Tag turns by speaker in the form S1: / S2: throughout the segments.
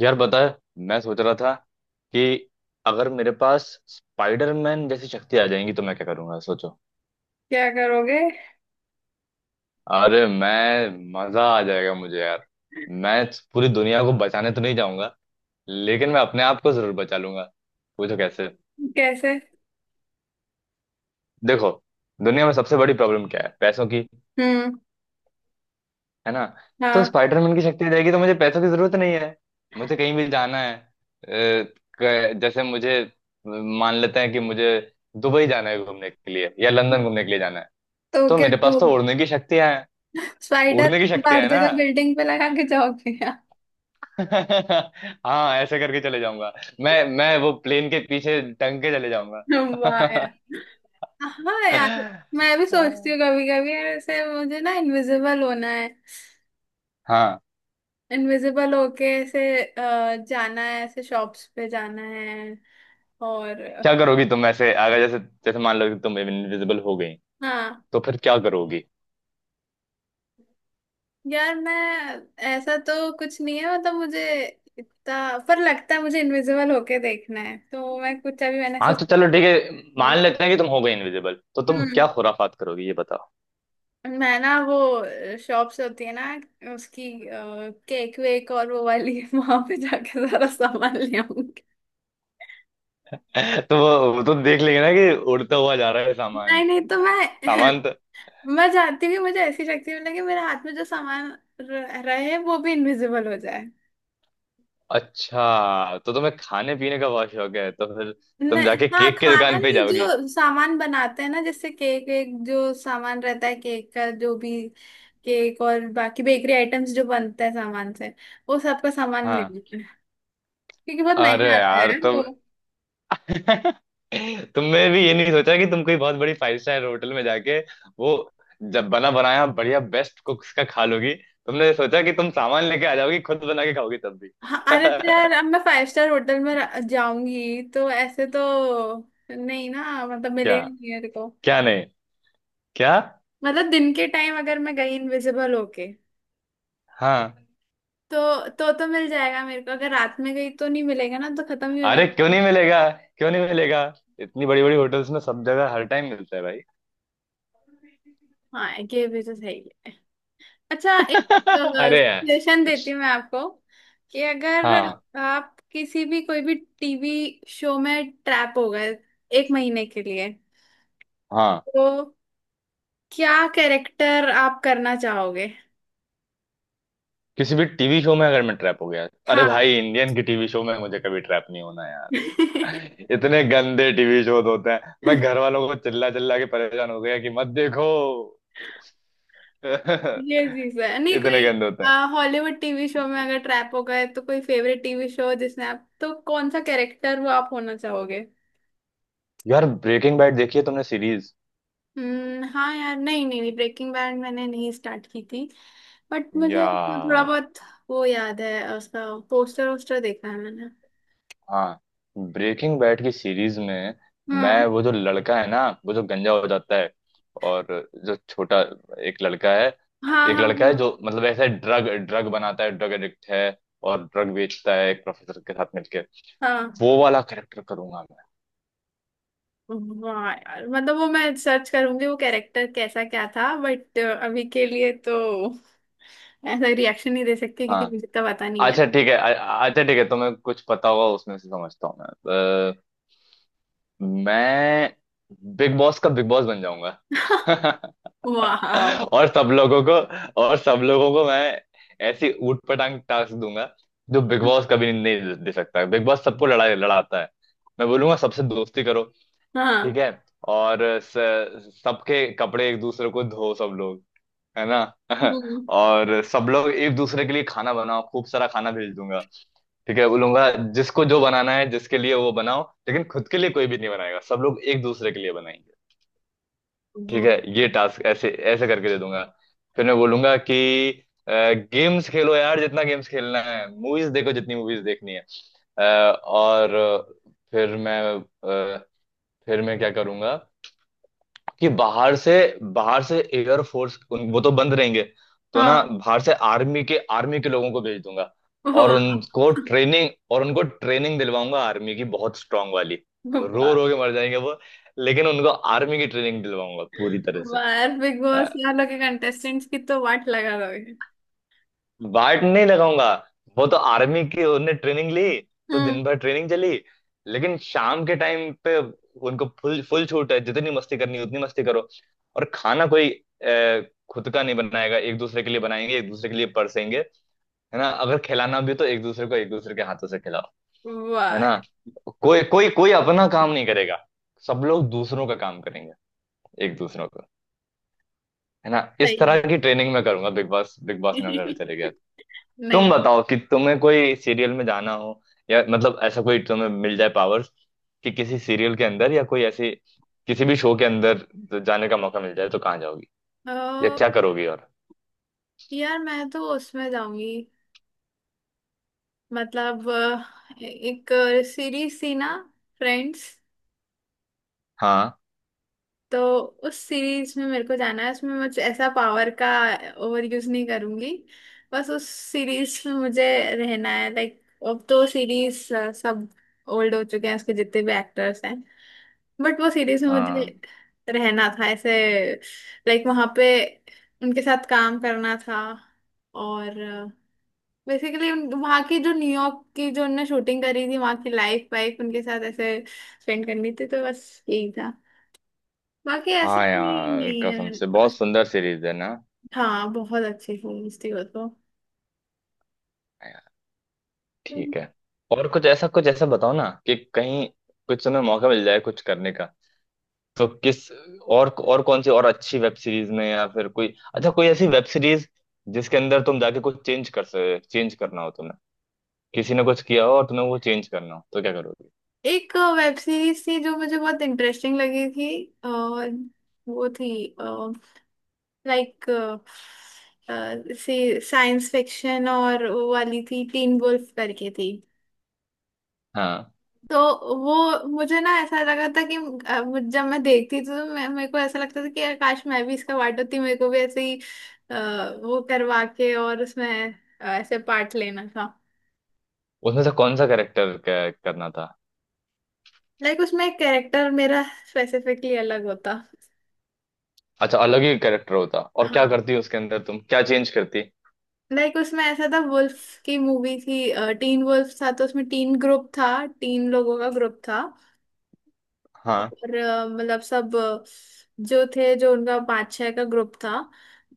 S1: यार बता। मैं सोच रहा था कि अगर मेरे पास स्पाइडरमैन जैसी शक्ति आ जाएंगी तो मैं क्या करूंगा सोचो।
S2: क्या करोगे?
S1: अरे मैं मजा आ जाएगा मुझे यार। मैं पूरी दुनिया को बचाने तो नहीं जाऊंगा, लेकिन मैं अपने आप को जरूर बचा लूंगा। पूछो कैसे।
S2: कैसे?
S1: देखो, दुनिया में सबसे बड़ी प्रॉब्लम क्या है? पैसों की।
S2: हम्म।
S1: है ना? तो
S2: हाँ।
S1: स्पाइडरमैन की शक्ति रहेगी तो मुझे पैसों की जरूरत नहीं है। मुझे कहीं भी जाना है, जैसे मुझे, मान लेते हैं कि मुझे दुबई जाना है घूमने के लिए, या लंदन घूमने के लिए जाना है।
S2: तो
S1: तो
S2: क्या
S1: मेरे पास
S2: वो
S1: तो उड़ने की शक्तियां हैं।
S2: स्पाइडर
S1: उड़ने की शक्तियां
S2: हर
S1: है ना।
S2: जगह बिल्डिंग पे लगा के जाओगे यार?
S1: हाँ, ऐसे करके चले जाऊंगा। मैं वो प्लेन के पीछे टंग के चले जाऊंगा।
S2: वाह यार। हाँ यार, मैं भी सोचती हूँ कभी कभी यार, ऐसे मुझे ना इनविजिबल होना है।
S1: हाँ।
S2: इनविजिबल होके ऐसे जाना है, ऐसे शॉप्स पे जाना है, और...
S1: क्या करोगी तुम, ऐसे अगर जैसे, जैसे मान लो कि तुम इनविजिबल हो गई,
S2: हाँ
S1: तो फिर क्या करोगी?
S2: यार। मैं ऐसा तो कुछ नहीं है, मतलब मुझे इतना पर लगता है मुझे इनविजिबल होके देखना है, तो मैं कुछ, अभी मैंने
S1: हाँ
S2: ऐसा
S1: तो
S2: सोचा।
S1: चलो ठीक है, मान लेते हैं कि तुम हो गए इनविजिबल, तो तुम
S2: हम्म।
S1: क्या खुराफात करोगे ये बताओ।
S2: मैं ना वो शॉप्स होती है ना उसकी, केक वेक और वो वाली वहां पे जाके सारा सामान ले आऊंगी।
S1: तो वो तो देख लेंगे ना कि उड़ता हुआ जा रहा है सामान।
S2: नहीं नहीं, तो मैं
S1: सामान तो।
S2: मैं चाहती हूँ कि मुझे ऐसी शक्ति मिले कि मेरे हाथ में जो सामान रहे वो भी इनविजिबल हो जाए।
S1: अच्छा, तो तुम्हें खाने पीने का बहुत शौक है तो फिर तुम
S2: नहीं,
S1: जाके
S2: हाँ,
S1: केक की
S2: खाना
S1: दुकान पे
S2: नहीं,
S1: जाओगी?
S2: जो सामान बनाते हैं ना, जैसे केक वेक, जो सामान रहता है केक का जो भी, केक और बाकी बेकरी आइटम्स जो बनते हैं सामान से, वो सबका सामान
S1: हाँ।
S2: लेना है। क्योंकि बहुत
S1: अरे
S2: महंगा आता
S1: यार
S2: है
S1: तुम!
S2: वो।
S1: तुमने भी ये नहीं सोचा कि तुम कोई बहुत बड़ी फाइव स्टार होटल में जाके, वो जब बना बनाया बढ़िया बेस्ट कुक्स का खा लोगी? तुमने सोचा कि तुम सामान लेके आ जाओगी, खुद बना के खाओगी तब भी।
S2: हाँ, अरे तो यार, अब मैं फाइव स्टार होटल में जाऊंगी तो ऐसे तो नहीं ना, मतलब
S1: क्या?
S2: मिलेगा नहीं मेरे को।
S1: क्या नहीं? क्या?
S2: मतलब दिन के टाइम अगर मैं गई इनविजिबल होके
S1: हाँ।
S2: तो मिल जाएगा मेरे को, अगर रात में गई तो नहीं मिलेगा ना, तो खत्म ही हो
S1: अरे क्यों
S2: जाता है।
S1: नहीं मिलेगा? क्यों नहीं मिलेगा? इतनी बड़ी बड़ी होटल्स में सब जगह हर टाइम मिलता है भाई।
S2: हाँ, ये भी तो सही है। अच्छा, एक
S1: अरे यार।
S2: सजेशन देती हूँ मैं आपको कि अगर
S1: हाँ,
S2: आप किसी भी कोई भी टीवी शो में ट्रैप हो गए एक महीने के लिए,
S1: हाँ।
S2: तो क्या कैरेक्टर आप करना चाहोगे?
S1: किसी भी टीवी शो में अगर मैं ट्रैप हो गया, अरे
S2: हाँ,
S1: भाई इंडियन के टीवी शो में मुझे कभी ट्रैप नहीं होना
S2: ये
S1: यार। इतने गंदे टीवी शो होते हैं, मैं घर वालों को चिल्ला चिल्ला के परेशान हो गया कि मत देखो।
S2: चीज है नहीं
S1: इतने
S2: कोई।
S1: गंदे होते हैं।
S2: हॉलीवुड टीवी शो में अगर ट्रैप हो गए तो कोई फेवरेट टीवी शो जिसने आप, तो कौन सा कैरेक्टर वो आप होना चाहोगे?
S1: यार, ब्रेकिंग बैड देखी है तुमने सीरीज?
S2: हम्म। हाँ यार, नहीं नहीं नहीं, ब्रेकिंग बैड मैंने नहीं स्टार्ट की थी, बट मुझे उसका थोड़ा
S1: यार
S2: बहुत वो याद है, उसका पोस्टर वोस्टर देखा है मैंने।
S1: हाँ। ब्रेकिंग बैड की सीरीज में
S2: हाँ
S1: मैं वो जो लड़का है ना, वो जो गंजा हो जाता है, और जो छोटा एक लड़का है,
S2: हाँ
S1: एक
S2: हाँ
S1: लड़का है
S2: हाँ।
S1: जो मतलब ऐसे ड्रग ड्रग बनाता है, ड्रग एडिक्ट है, और ड्रग बेचता है एक प्रोफेसर के साथ मिलके,
S2: हाँ,
S1: वो वाला कैरेक्टर करूंगा मैं।
S2: वाह यार, मतलब वो मैं सर्च करूंगी वो कैरेक्टर कैसा क्या था, बट अभी के लिए तो ऐसा रिएक्शन नहीं दे सकती क्योंकि
S1: हाँ।
S2: मुझे तो पता नहीं।
S1: अच्छा ठीक है, अच्छा ठीक है, तुम्हें कुछ पता होगा उसमें से, समझता हूँ मैं। मैं बिग बॉस का बिग बॉस बन जाऊंगा।
S2: वाह।
S1: और सब लोगों को, और सब लोगों को मैं ऐसी ऊटपटांग टास्क दूंगा जो बिग बॉस कभी नहीं दे दे सकता। बिग बॉस सबको लड़ाई लड़ाता है, मैं बोलूंगा सबसे दोस्ती करो। ठीक
S2: हाँ।
S1: है? और सबके कपड़े एक दूसरे को धो सब लोग, है ना।
S2: हम्म।
S1: और सब लोग एक दूसरे के लिए खाना बनाओ, खूब सारा खाना भेज दूंगा। ठीक है बोलूंगा, जिसको जो बनाना है, जिसके लिए वो बनाओ, लेकिन खुद के लिए कोई भी नहीं बनाएगा, सब लोग एक दूसरे के लिए बनाएंगे। ठीक
S2: वो-
S1: है? ये टास्क ऐसे ऐसे करके दे दूंगा। फिर मैं बोलूंगा कि गेम्स खेलो यार, जितना गेम्स खेलना है, मूवीज देखो जितनी मूवीज देखनी है। अ, और अ, फिर मैं, अ, फिर मैं क्या करूंगा कि बाहर से, बाहर से एयर फोर्स उन वो तो बंद रहेंगे, तो ना
S2: हाँ।
S1: बाहर से आर्मी के, आर्मी के लोगों को भेज दूंगा। और
S2: वाह
S1: उनको ट्रेनिंग, और उनको ट्रेनिंग दिलवाऊंगा आर्मी की, बहुत स्ट्रांग वाली। रो
S2: वाह
S1: रो के मर जाएंगे वो, लेकिन उनको आर्मी की ट्रेनिंग दिलवाऊंगा पूरी तरह से।
S2: वाह यार, बिग बॉस यार लोग के कंटेस्टेंट्स की तो वाट लगा दोगे।
S1: वार्ड नहीं लगाऊंगा, वो तो आर्मी की उनने ट्रेनिंग ली। तो दिन
S2: हम्म।
S1: भर ट्रेनिंग चली, लेकिन शाम के टाइम पे उनको फुल फुल छूट है, जितनी मस्ती करनी है, उतनी मस्ती करो। और खाना कोई खुद का नहीं बनाएगा, एक दूसरे के लिए बनाएंगे, एक दूसरे के लिए परसेंगे। है ना, अगर खिलाना भी तो एक दूसरे को, एक दूसरे के हाथों से खिलाओ। है
S2: वाह
S1: ना?
S2: यार।
S1: कोई कोई कोई अपना काम नहीं करेगा, सब लोग दूसरों का काम करेंगे, एक दूसरों का। है ना, इस तरह
S2: सही
S1: की ट्रेनिंग मैं करूंगा बिग बॉस, बिग बॉस में अगर
S2: है।
S1: चले गया तो। तुम
S2: नहीं।
S1: बताओ कि तुम्हें कोई सीरियल में जाना हो, या मतलब ऐसा कोई तुम्हें मिल जाए पावर्स कि किसी सीरियल के अंदर या कोई ऐसे किसी भी शो के अंदर तो जाने का मौका मिल जाए, तो कहाँ जाओगी या
S2: अ,
S1: क्या करोगी और?
S2: यार, मैं तो उसमें जाऊंगी, मतलब एक सीरीज थी ना, फ्रेंड्स।
S1: हाँ,
S2: तो उस सीरीज में मेरे को जाना है, उसमें मुझे ऐसा पावर का ओवर यूज नहीं करूंगी, बस उस सीरीज में मुझे रहना है। लाइक अब तो सीरीज सब ओल्ड हो चुके हैं, उसके जितने भी एक्टर्स हैं, बट वो सीरीज में मुझे
S1: हाँ।
S2: रहना था ऐसे, लाइक वहां पे उनके साथ काम करना था, और बेसिकली वहां की जो न्यूयॉर्क की जो उनने शूटिंग करी थी वहां की लाइफ वाइफ उनके साथ ऐसे स्पेंड करनी थी, तो बस यही था, बाकी ऐसे
S1: हाँ
S2: भी
S1: यार,
S2: नहीं
S1: कसम
S2: है
S1: से बहुत सुंदर सीरीज है ना, हाँ।
S2: हाँ, बहुत अच्छी सीरीज थी वो तो।
S1: यार, ठीक है। और कुछ ऐसा, कुछ ऐसा बताओ ना कि कहीं कुछ तुम्हें मौका मिल जाए कुछ करने का, तो किस, और कौन सी और अच्छी वेब सीरीज में, या फिर कोई अच्छा कोई ऐसी वेब सीरीज जिसके अंदर तुम जाके कुछ चेंज कर सके, चेंज करना हो तुम्हें, किसी ने कुछ किया हो और तुम्हें वो चेंज करना हो, तो क्या करोगे?
S2: एक वेब सीरीज थी जो मुझे बहुत इंटरेस्टिंग लगी थी, और वो थी लाइक सी साइंस फिक्शन, और वो वाली थी, टीन वुल्फ करके थी।
S1: हाँ।
S2: तो वो मुझे ना ऐसा लगा था कि जब मैं देखती थी तो मैं, मेरे को ऐसा लगता था कि यार काश मैं भी इसका पार्ट होती, मेरे को भी ऐसे ही अ, वो करवा के, और उसमें ऐसे पार्ट लेना था।
S1: उसमें से कौन सा कैरेक्टर करना था?
S2: लाइक उसमें कैरेक्टर मेरा स्पेसिफिकली अलग होता।
S1: अच्छा, अलग ही कैरेक्टर होता, और क्या
S2: हाँ,
S1: करती उसके अंदर, तुम क्या चेंज करती?
S2: लाइक उसमें ऐसा था, वुल्फ की मूवी थी, टीन वुल्फ था, तो उसमें टीन ग्रुप था, तीन लोगों का ग्रुप था।
S1: हाँ
S2: और मतलब सब जो थे, जो उनका पाँच छः का ग्रुप था,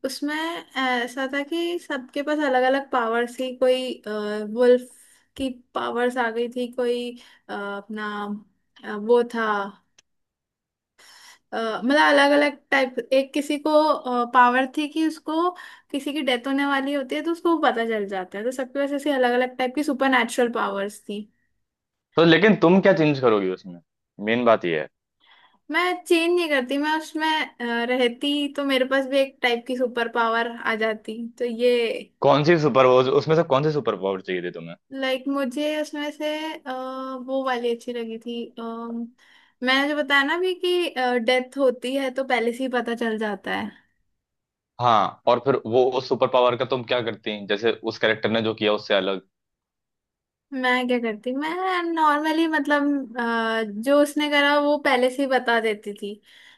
S2: उसमें ऐसा था कि सबके पास अलग अलग पावर्स थी, कोई वुल्फ की पावर्स आ गई थी, कोई अपना वो था, अ, मतलब अलग अलग टाइप, एक किसी को पावर थी कि उसको किसी की डेथ होने वाली होती है तो उसको वो पता चल जाता है, तो सबके पास ऐसी अलग अलग टाइप की सुपर नेचुरल पावर्स थी।
S1: तो लेकिन तुम क्या चेंज करोगी उसमें, मेन बात ये है।
S2: मैं चेंज नहीं करती, मैं उसमें रहती तो मेरे पास भी एक टाइप की सुपर पावर आ जाती, तो ये...
S1: कौन सी सुपर पावर, उसमें से कौन सी सुपर पावर चाहिए थी तुम्हें?
S2: लाइक मुझे उसमें से अ, वो वाली अच्छी लगी थी, मैंने जो बताया ना भी, कि डेथ होती है तो पहले से ही पता चल जाता है।
S1: हाँ और फिर वो उस सुपर पावर का तुम क्या करती, जैसे उस कैरेक्टर ने जो किया उससे अलग?
S2: मैं क्या करती, मैं नॉर्मली मतलब जो उसने करा वो पहले से ही बता देती थी,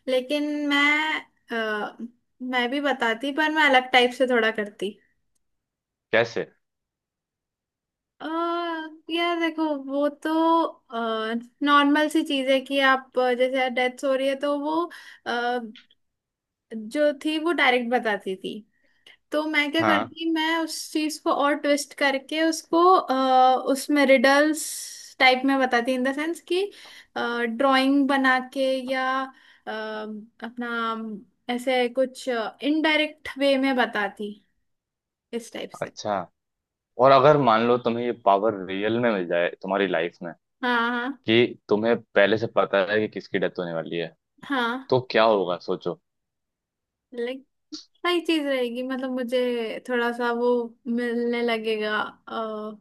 S2: लेकिन अ, मैं भी बताती, पर मैं अलग टाइप से थोड़ा करती।
S1: कैसे?
S2: अ, यार देखो, वो तो नॉर्मल सी चीज है कि आप जैसे डेथ हो रही है तो वो अ, जो थी वो डायरेक्ट बताती थी, तो मैं क्या
S1: हाँ।
S2: करती, मैं उस चीज को और ट्विस्ट करके उसको उसमें रिडल्स टाइप में बताती, इन द सेंस कि ड्राइंग बना के, या अपना ऐसे कुछ इनडायरेक्ट वे में बताती, इस टाइप से।
S1: अच्छा। और अगर मान लो तुम्हें ये पावर रियल में मिल जाए तुम्हारी लाइफ में
S2: हाँ हाँ
S1: कि तुम्हें पहले से पता है कि किसकी डेथ होने वाली है,
S2: हाँ।
S1: तो क्या होगा सोचो।
S2: लाइक सही चीज रहेगी, मतलब मुझे थोड़ा सा वो मिलने लगेगा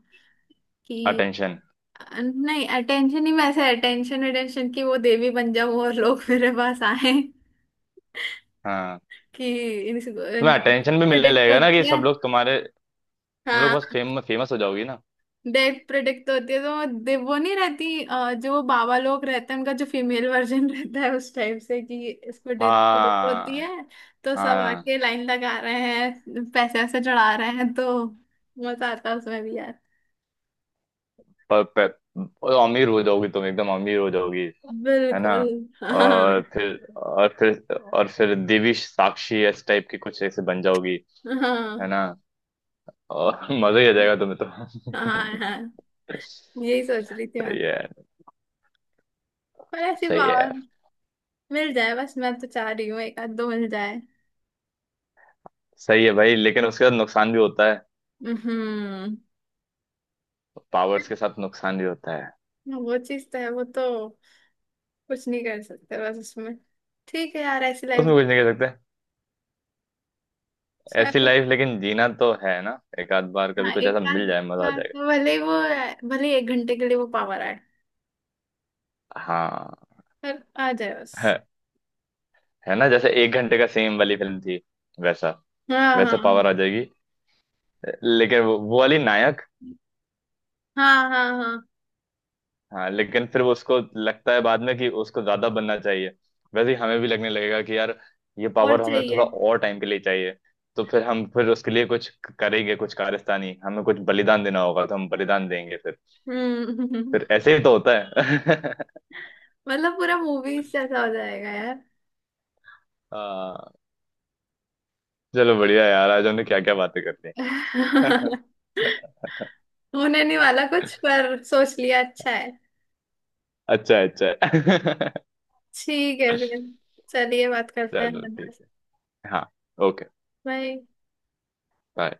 S2: कि...
S1: अटेंशन।
S2: नहीं, अटेंशन ही, मैं ऐसे अटेंशन अटेंशन की वो देवी बन जाऊं और लोग मेरे पास आए
S1: हाँ।
S2: कि इनको
S1: तुम्हें
S2: इनको
S1: अटेंशन भी मिलने
S2: प्रेडिक्ट
S1: लगेगा ना कि
S2: होती है।
S1: सब लोग तुम्हारे, तुम लोग बस
S2: हाँ।
S1: फेम, फेमस हो जाओगी ना।
S2: डेथ प्रेडिक्ट होती है तो वो वो नहीं रहती, जो वो बाबा लोग रहते हैं उनका जो फीमेल वर्जन रहता है, उस टाइप से कि इसको डेथ प्रेडिक्ट होती
S1: हाँ।
S2: है। तो सब
S1: हाँ।
S2: आके लाइन लगा रहे हैं, पैसे वैसे चढ़ा रहे हैं, तो मजा आता है उसमें भी यार।
S1: पर और अमीर हो जाओगी तुम, एकदम अमीर हो जाओगी। है ना?
S2: बिल्कुल। हाँ।
S1: और फिर, और फिर, और फिर देवी साक्षी इस टाइप की कुछ ऐसे बन जाओगी। है
S2: हाँ
S1: ना? और मजा ही आ जाएगा तुम्हें
S2: हाँ
S1: तो।
S2: हाँ। यही सोच रही थी,
S1: सही है।
S2: पर ऐसी
S1: सही है
S2: पावर
S1: यार।
S2: मिल जाए बस, मैं तो चाह रही हूँ एक आध दो मिल जाए।
S1: सही है भाई, लेकिन उसके साथ नुकसान भी होता है।
S2: हम्म।
S1: पावर्स के साथ नुकसान भी होता है।
S2: वो चीज तो है, वो तो कुछ नहीं कर सकते बस उसमें, ठीक है यार, ऐसी लाइफ।
S1: उसमें कुछ नहीं कह सकते। ऐसी
S2: चलो।
S1: लाइफ लेकिन जीना तो है ना, एक आध बार कभी
S2: हाँ,
S1: कुछ
S2: एक
S1: ऐसा
S2: आध
S1: मिल जाए मजा आ
S2: बार
S1: जाएगा।
S2: तो भले ही वो, भले ही एक घंटे के लिए वो पावर आए,
S1: हाँ।
S2: पर आ जाए बस।
S1: है, है ना, जैसे एक घंटे का सेम वाली फिल्म थी, वैसा,
S2: हाँ
S1: वैसा
S2: हाँ
S1: पावर आ जाएगी। लेकिन वो वाली नायक।
S2: हाँ हाँ हाँ हाँ।
S1: हाँ, लेकिन फिर वो उसको लगता है बाद में कि उसको ज्यादा बनना चाहिए। वैसे ही हमें भी लगने लगेगा कि यार ये
S2: और
S1: पावर हमें थोड़ा
S2: चाहिए।
S1: और टाइम के लिए चाहिए। तो फिर हम, फिर उसके लिए कुछ करेंगे, कुछ कारस्तानी, हमें कुछ बलिदान देना होगा तो हम बलिदान देंगे फिर।
S2: हम्म।
S1: फिर ऐसे ही तो होता है।
S2: मतलब पूरा मूवीज जैसा हो जाएगा यार।
S1: हाँ। चलो बढ़िया यार, आज हमने क्या क्या बातें कर ली।
S2: होने नहीं वाला कुछ, पर सोच लिया अच्छा है।
S1: अच्छा, अच्छा।
S2: ठीक है फिर, चलिए बात करते हैं।
S1: चलो ठीक है। हाँ, ओके।
S2: बाय।
S1: बाय।